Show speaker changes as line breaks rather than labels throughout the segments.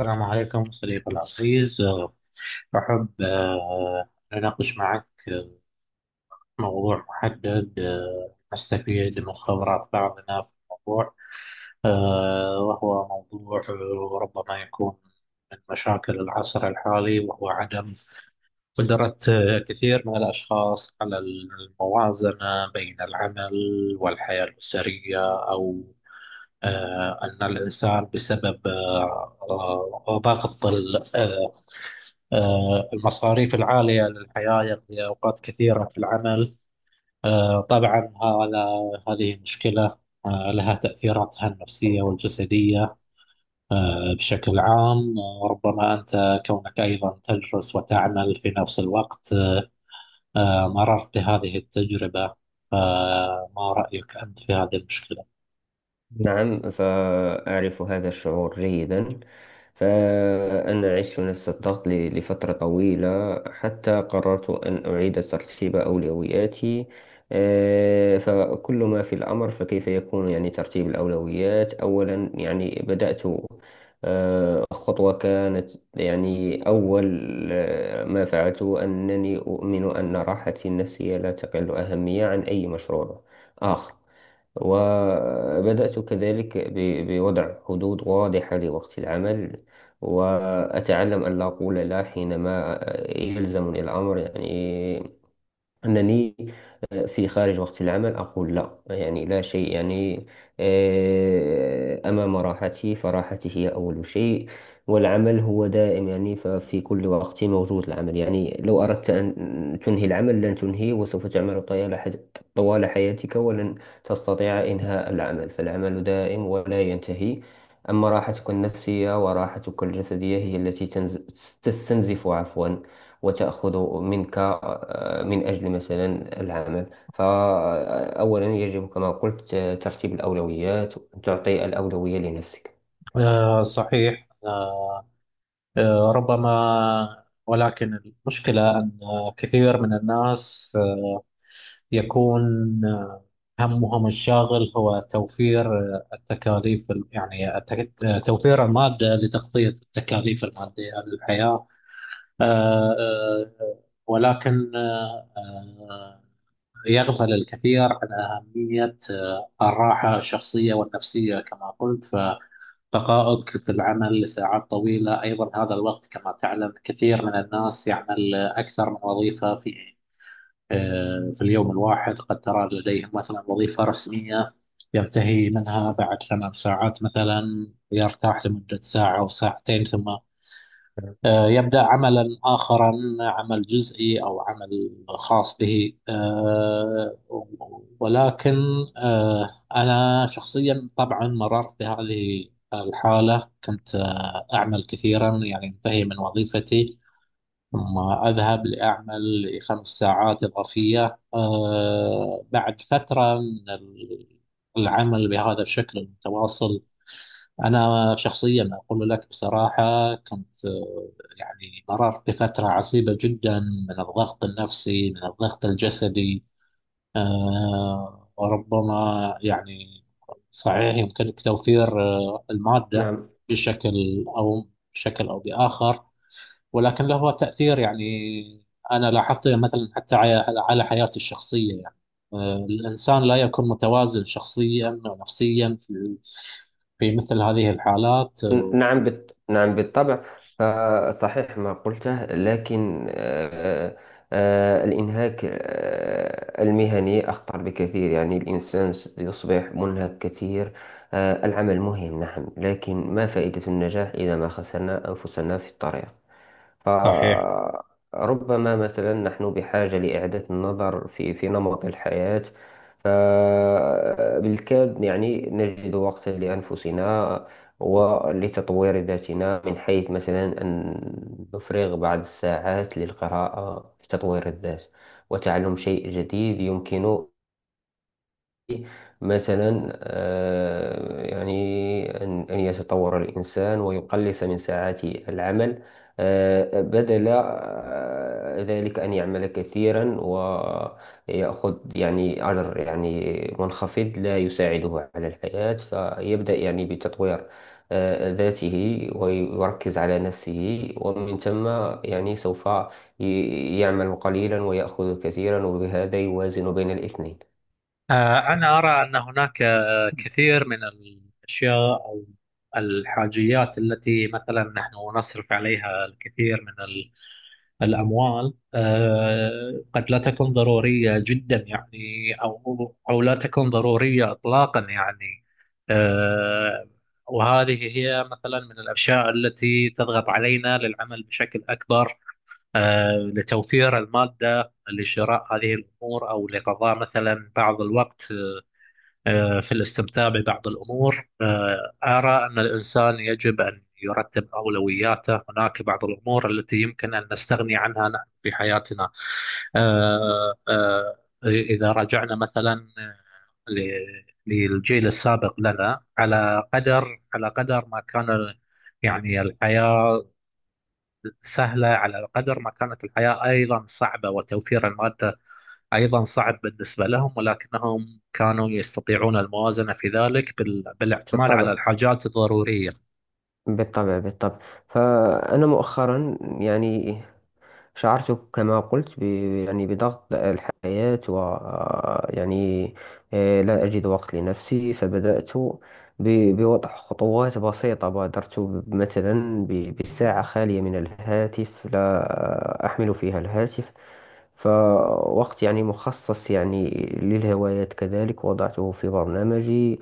السلام عليكم صديقي العزيز أحب أناقش معك موضوع محدد، نستفيد من خبرات بعضنا في الموضوع، وهو موضوع ربما يكون من مشاكل العصر الحالي، وهو عدم قدرة كثير من الأشخاص على الموازنة بين العمل والحياة الأسرية. أو أن الإنسان بسبب ضغط المصاريف العالية للحياة يقضي أوقات كثيرة في العمل. طبعا هذه مشكلة لها تأثيراتها النفسية والجسدية بشكل عام. ربما أنت كونك أيضا تدرس وتعمل في نفس الوقت، مررت بهذه التجربة، فما رأيك أنت في هذه المشكلة؟
نعم، فأعرف هذا الشعور جيدا. فأنا عشت نفس الضغط لفترة طويلة حتى قررت أن أعيد ترتيب أولوياتي. فكل ما في الأمر، فكيف يكون ترتيب الأولويات. أولا بدأت، خطوة كانت أول ما فعلته أنني أؤمن أن راحتي النفسية لا تقل أهمية عن أي مشروع آخر. وبدأت كذلك بوضع حدود واضحة لوقت العمل، وأتعلم أن لا أقول لا حينما يلزمني الأمر. أنني في خارج وقت العمل أقول لا. لا شيء أمام راحتي، فراحتي هي أول شيء. والعمل هو دائم، ففي كل وقت موجود العمل. لو أردت أن تنهي العمل لن تنهيه، وسوف تعمل طوال طوال حياتك ولن تستطيع إنهاء العمل. فالعمل دائم ولا ينتهي. أما راحتك النفسية وراحتك الجسدية هي التي تستنزف، عفوا، وتأخذ منك من أجل مثلا العمل. فأولا يجب كما قلت ترتيب الأولويات، تعطي الأولوية لنفسك.
صحيح، ربما، ولكن المشكلة أن كثير من الناس يكون همهم الشاغل هو توفير التكاليف توفير المادة لتغطية التكاليف المادية للحياة. آه، آه، ولكن يغفل الكثير عن أهمية الراحة الشخصية والنفسية كما قلت. فبقائك في العمل لساعات طويلة أيضا، هذا الوقت كما تعلم كثير من الناس يعمل أكثر من وظيفة في في اليوم الواحد. قد ترى لديه مثلا وظيفة رسمية ينتهي منها بعد ثمان ساعات مثلا، يرتاح لمدة ساعة أو ساعتين، ثم يبدأ عملا آخرا، عمل جزئي أو عمل خاص به. ولكن آه، أنا شخصيا طبعا مررت بهذه الحالة. كنت أعمل كثيرا، يعني انتهي من وظيفتي ثم أذهب لأعمل لخمس ساعات إضافية. بعد فترة من العمل بهذا الشكل المتواصل، أنا شخصيا أقول لك بصراحة، كنت يعني مررت بفترة عصيبة جدا من الضغط النفسي، من الضغط الجسدي. وربما يعني صحيح يمكنك توفير المادة
نعم.
بشكل أو بآخر، ولكن له تأثير. يعني أنا لاحظت مثلا حتى على حياتي الشخصية، يعني الإنسان لا يكون متوازن شخصيا أو نفسيا في مثل هذه الحالات.
نعم، نعم بالطبع. فصحيح ما قلته، لكن الإنهاك المهني أخطر بكثير. الإنسان يصبح منهك كثير. العمل مهم نعم، لكن ما فائدة النجاح إذا ما خسرنا أنفسنا في الطريق؟
صحيح.
فربما مثلا نحن بحاجة لإعادة النظر في نمط الحياة. فبالكاد نجد وقتا لأنفسنا ولتطوير ذاتنا، من حيث مثلا أن نفرغ بعض الساعات للقراءة، لتطوير الذات وتعلم شيء جديد. يمكن مثلا أن يتطور الإنسان ويقلص من ساعات العمل بدل ذلك أن يعمل كثيرا ويأخذ أجر منخفض لا يساعده على الحياة. فيبدأ بتطوير ذاته ويركز على نفسه، ومن ثم سوف يعمل قليلا ويأخذ كثيرا، وبهذا يوازن بين الاثنين.
أنا أرى أن هناك كثير من الأشياء أو الحاجيات التي مثلا نحن نصرف عليها الكثير من الأموال، قد لا تكون ضرورية جدا، يعني أو لا تكون ضرورية إطلاقا، يعني. آه، وهذه هي مثلا من الأشياء التي تضغط علينا للعمل بشكل أكبر، لتوفير المادة لشراء هذه الأمور، أو لقضاء مثلا بعض الوقت في الاستمتاع ببعض الأمور. أرى أن الإنسان يجب أن يرتب أولوياته، هناك بعض الأمور التي يمكن أن نستغني عنها نحن في حياتنا. آه، آه، إذا رجعنا مثلا للجيل السابق لنا، على قدر على قدر ما كان يعني الحياة سهلة، على قدر ما كانت الحياة أيضا صعبة، وتوفير المادة أيضا صعب بالنسبة لهم، ولكنهم كانوا يستطيعون الموازنة في ذلك بالاعتماد على
بالطبع،
الحاجات الضرورية.
بالطبع، بالطبع. فأنا مؤخرا شعرت كما قلت ب... يعني بضغط الحياة، و يعني آه، لا أجد وقت لنفسي. فبدأت بوضع خطوات بسيطة. بادرت بساعة خالية من الهاتف لا أحمل فيها الهاتف، فوقت مخصص للهوايات كذلك وضعته في برنامجي،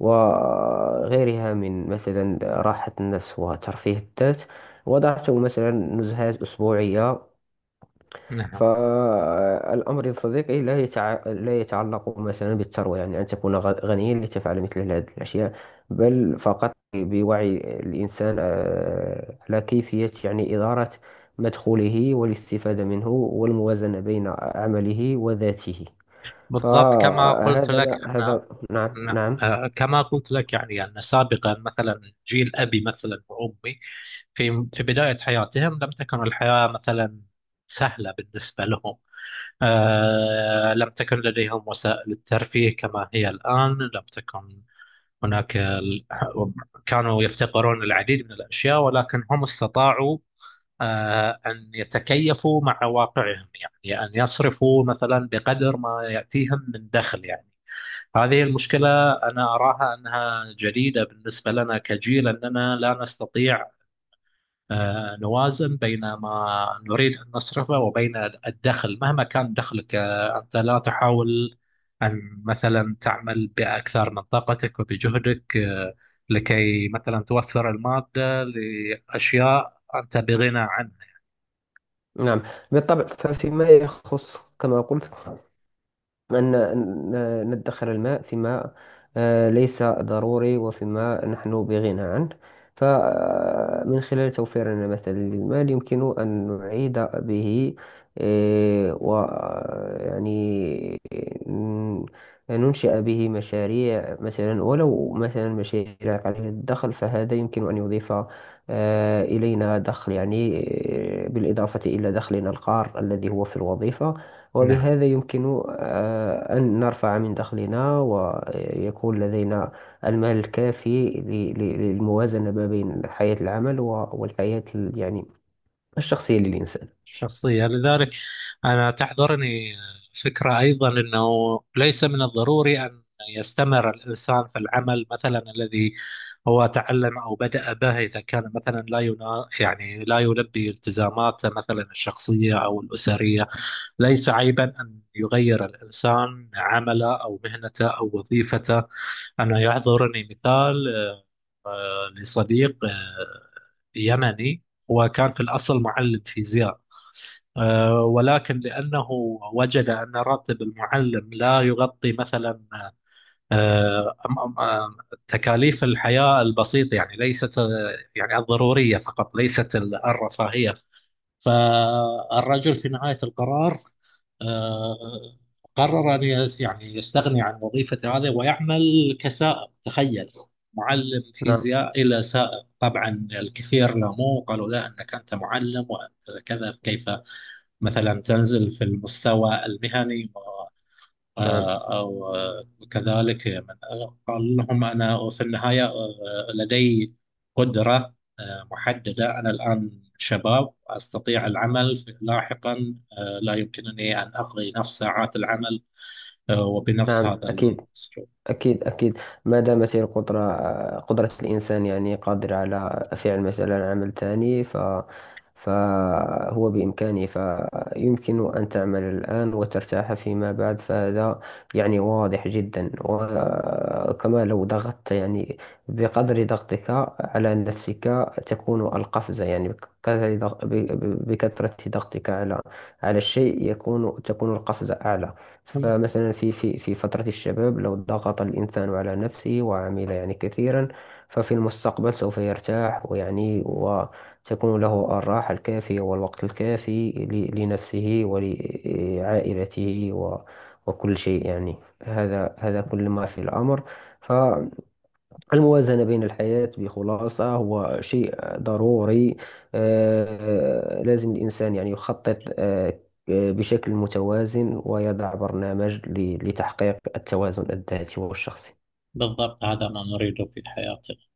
وغيرها من مثلا راحة النفس وترفيه الذات، وضعت مثلا نزهات أسبوعية.
نعم،
فالأمر يا صديقي لا يتعلق مثلا بالثروة، أن تكون غنيا لتفعل مثل هذه الأشياء، بل فقط بوعي الإنسان على كيفية إدارة مدخوله والاستفادة منه والموازنة بين عمله وذاته.
بالضبط كما قلت
فهذا
لك.
ما
أنا
هذا نعم،
نعم.
نعم،
كما قلت لك، يعني أن سابقا مثلا جيل أبي مثلا وأمي، في بداية حياتهم لم تكن الحياة مثلا سهلة بالنسبة لهم. آه، لم تكن لديهم وسائل الترفيه كما هي الآن، لم تكن هناك كانوا يفتقرون العديد من الأشياء، ولكن هم استطاعوا أن يتكيفوا مع واقعهم، يعني أن يصرفوا مثلا بقدر ما يأتيهم من دخل. يعني هذه المشكلة أنا أراها أنها جديدة بالنسبة لنا كجيل، أننا لا نستطيع نوازن بين ما نريد أن نصرفه وبين الدخل. مهما كان دخلك، أنت لا تحاول أن مثلا تعمل بأكثر من طاقتك وبجهدك، لكي مثلا توفر المادة لأشياء أنت بغنى عنها
نعم. بالطبع. فيما يخص كما قلت، أن ندخر الماء فيما ليس ضروري، وفيما نحن بغنى عنه. فمن خلال توفيرنا مثلا للمال يمكن أن نعيد به آه، ويعني ن- ننشئ به مشاريع، مثلا ولو مثلا مشاريع قليلة الدخل، فهذا يمكن أن يضيف إلينا دخل بالإضافة إلى دخلنا القار الذي هو في الوظيفة. وبهذا يمكن أن نرفع من دخلنا ويكون لدينا المال الكافي للموازنة ما بين حياة العمل والحياة الشخصية للإنسان.
الشخصية. لذلك أنا تحضرني فكرة أيضا، أنه ليس من الضروري أن يستمر الإنسان في العمل مثلا الذي هو تعلم أو بدأ به، إذا كان مثلا لا ينا... يعني لا يلبي التزاماته مثلا الشخصية أو الأسرية. ليس عيبا أن يغير الإنسان عمله أو مهنته أو وظيفته. أنا يحضرني مثال لصديق يمني، هو كان في الأصل معلم فيزياء، ولكن لأنه وجد أن راتب المعلم لا يغطي مثلا آه، أم- أم- آم، تكاليف الحياة البسيطة، يعني ليست يعني الضرورية فقط، ليست الرفاهية. فالرجل في نهاية القرار، آه، قرر أن يعني يستغني عن وظيفة هذا، ويعمل كسائق. تخيل، معلم
نعم،
فيزياء إلى سائق! طبعا الكثير لاموه، قالوا لا، أنك أنت معلم وأنت كذا، كيف مثلا تنزل في المستوى المهني؟ و
نعم،
آه، أو آه، كذلك من قال لهم: أنا في النهاية لدي قدرة محددة، أنا الآن شباب أستطيع العمل، لاحقا لا يمكنني أن أقضي نفس ساعات العمل وبنفس
نعم،
هذا
أكيد،
الأسلوب.
أكيد، أكيد. ما دامت هي القدرة، قدرة الإنسان، قادر على فعل مثلا عمل تاني، فهو بإمكانه، فيمكن أن تعمل الآن وترتاح فيما بعد. فهذا واضح جدا. وكما لو ضغطت، بقدر ضغطك على نفسك تكون القفزة. بكثرة بكثرة ضغطك على على الشيء تكون القفزة أعلى. فمثلا في فترة الشباب لو ضغط الإنسان على نفسه وعمل كثيرا، ففي المستقبل سوف يرتاح وتكون له الراحة الكافية والوقت الكافي لنفسه ولعائلته وكل شيء. هذا كل ما في الأمر. الموازنة بين الحياة بخلاصة هو شيء ضروري. لازم الإنسان يخطط بشكل متوازن، ويضع برنامج لتحقيق التوازن الذاتي والشخصي.
بالضبط، هذا ما نريده في حياتنا.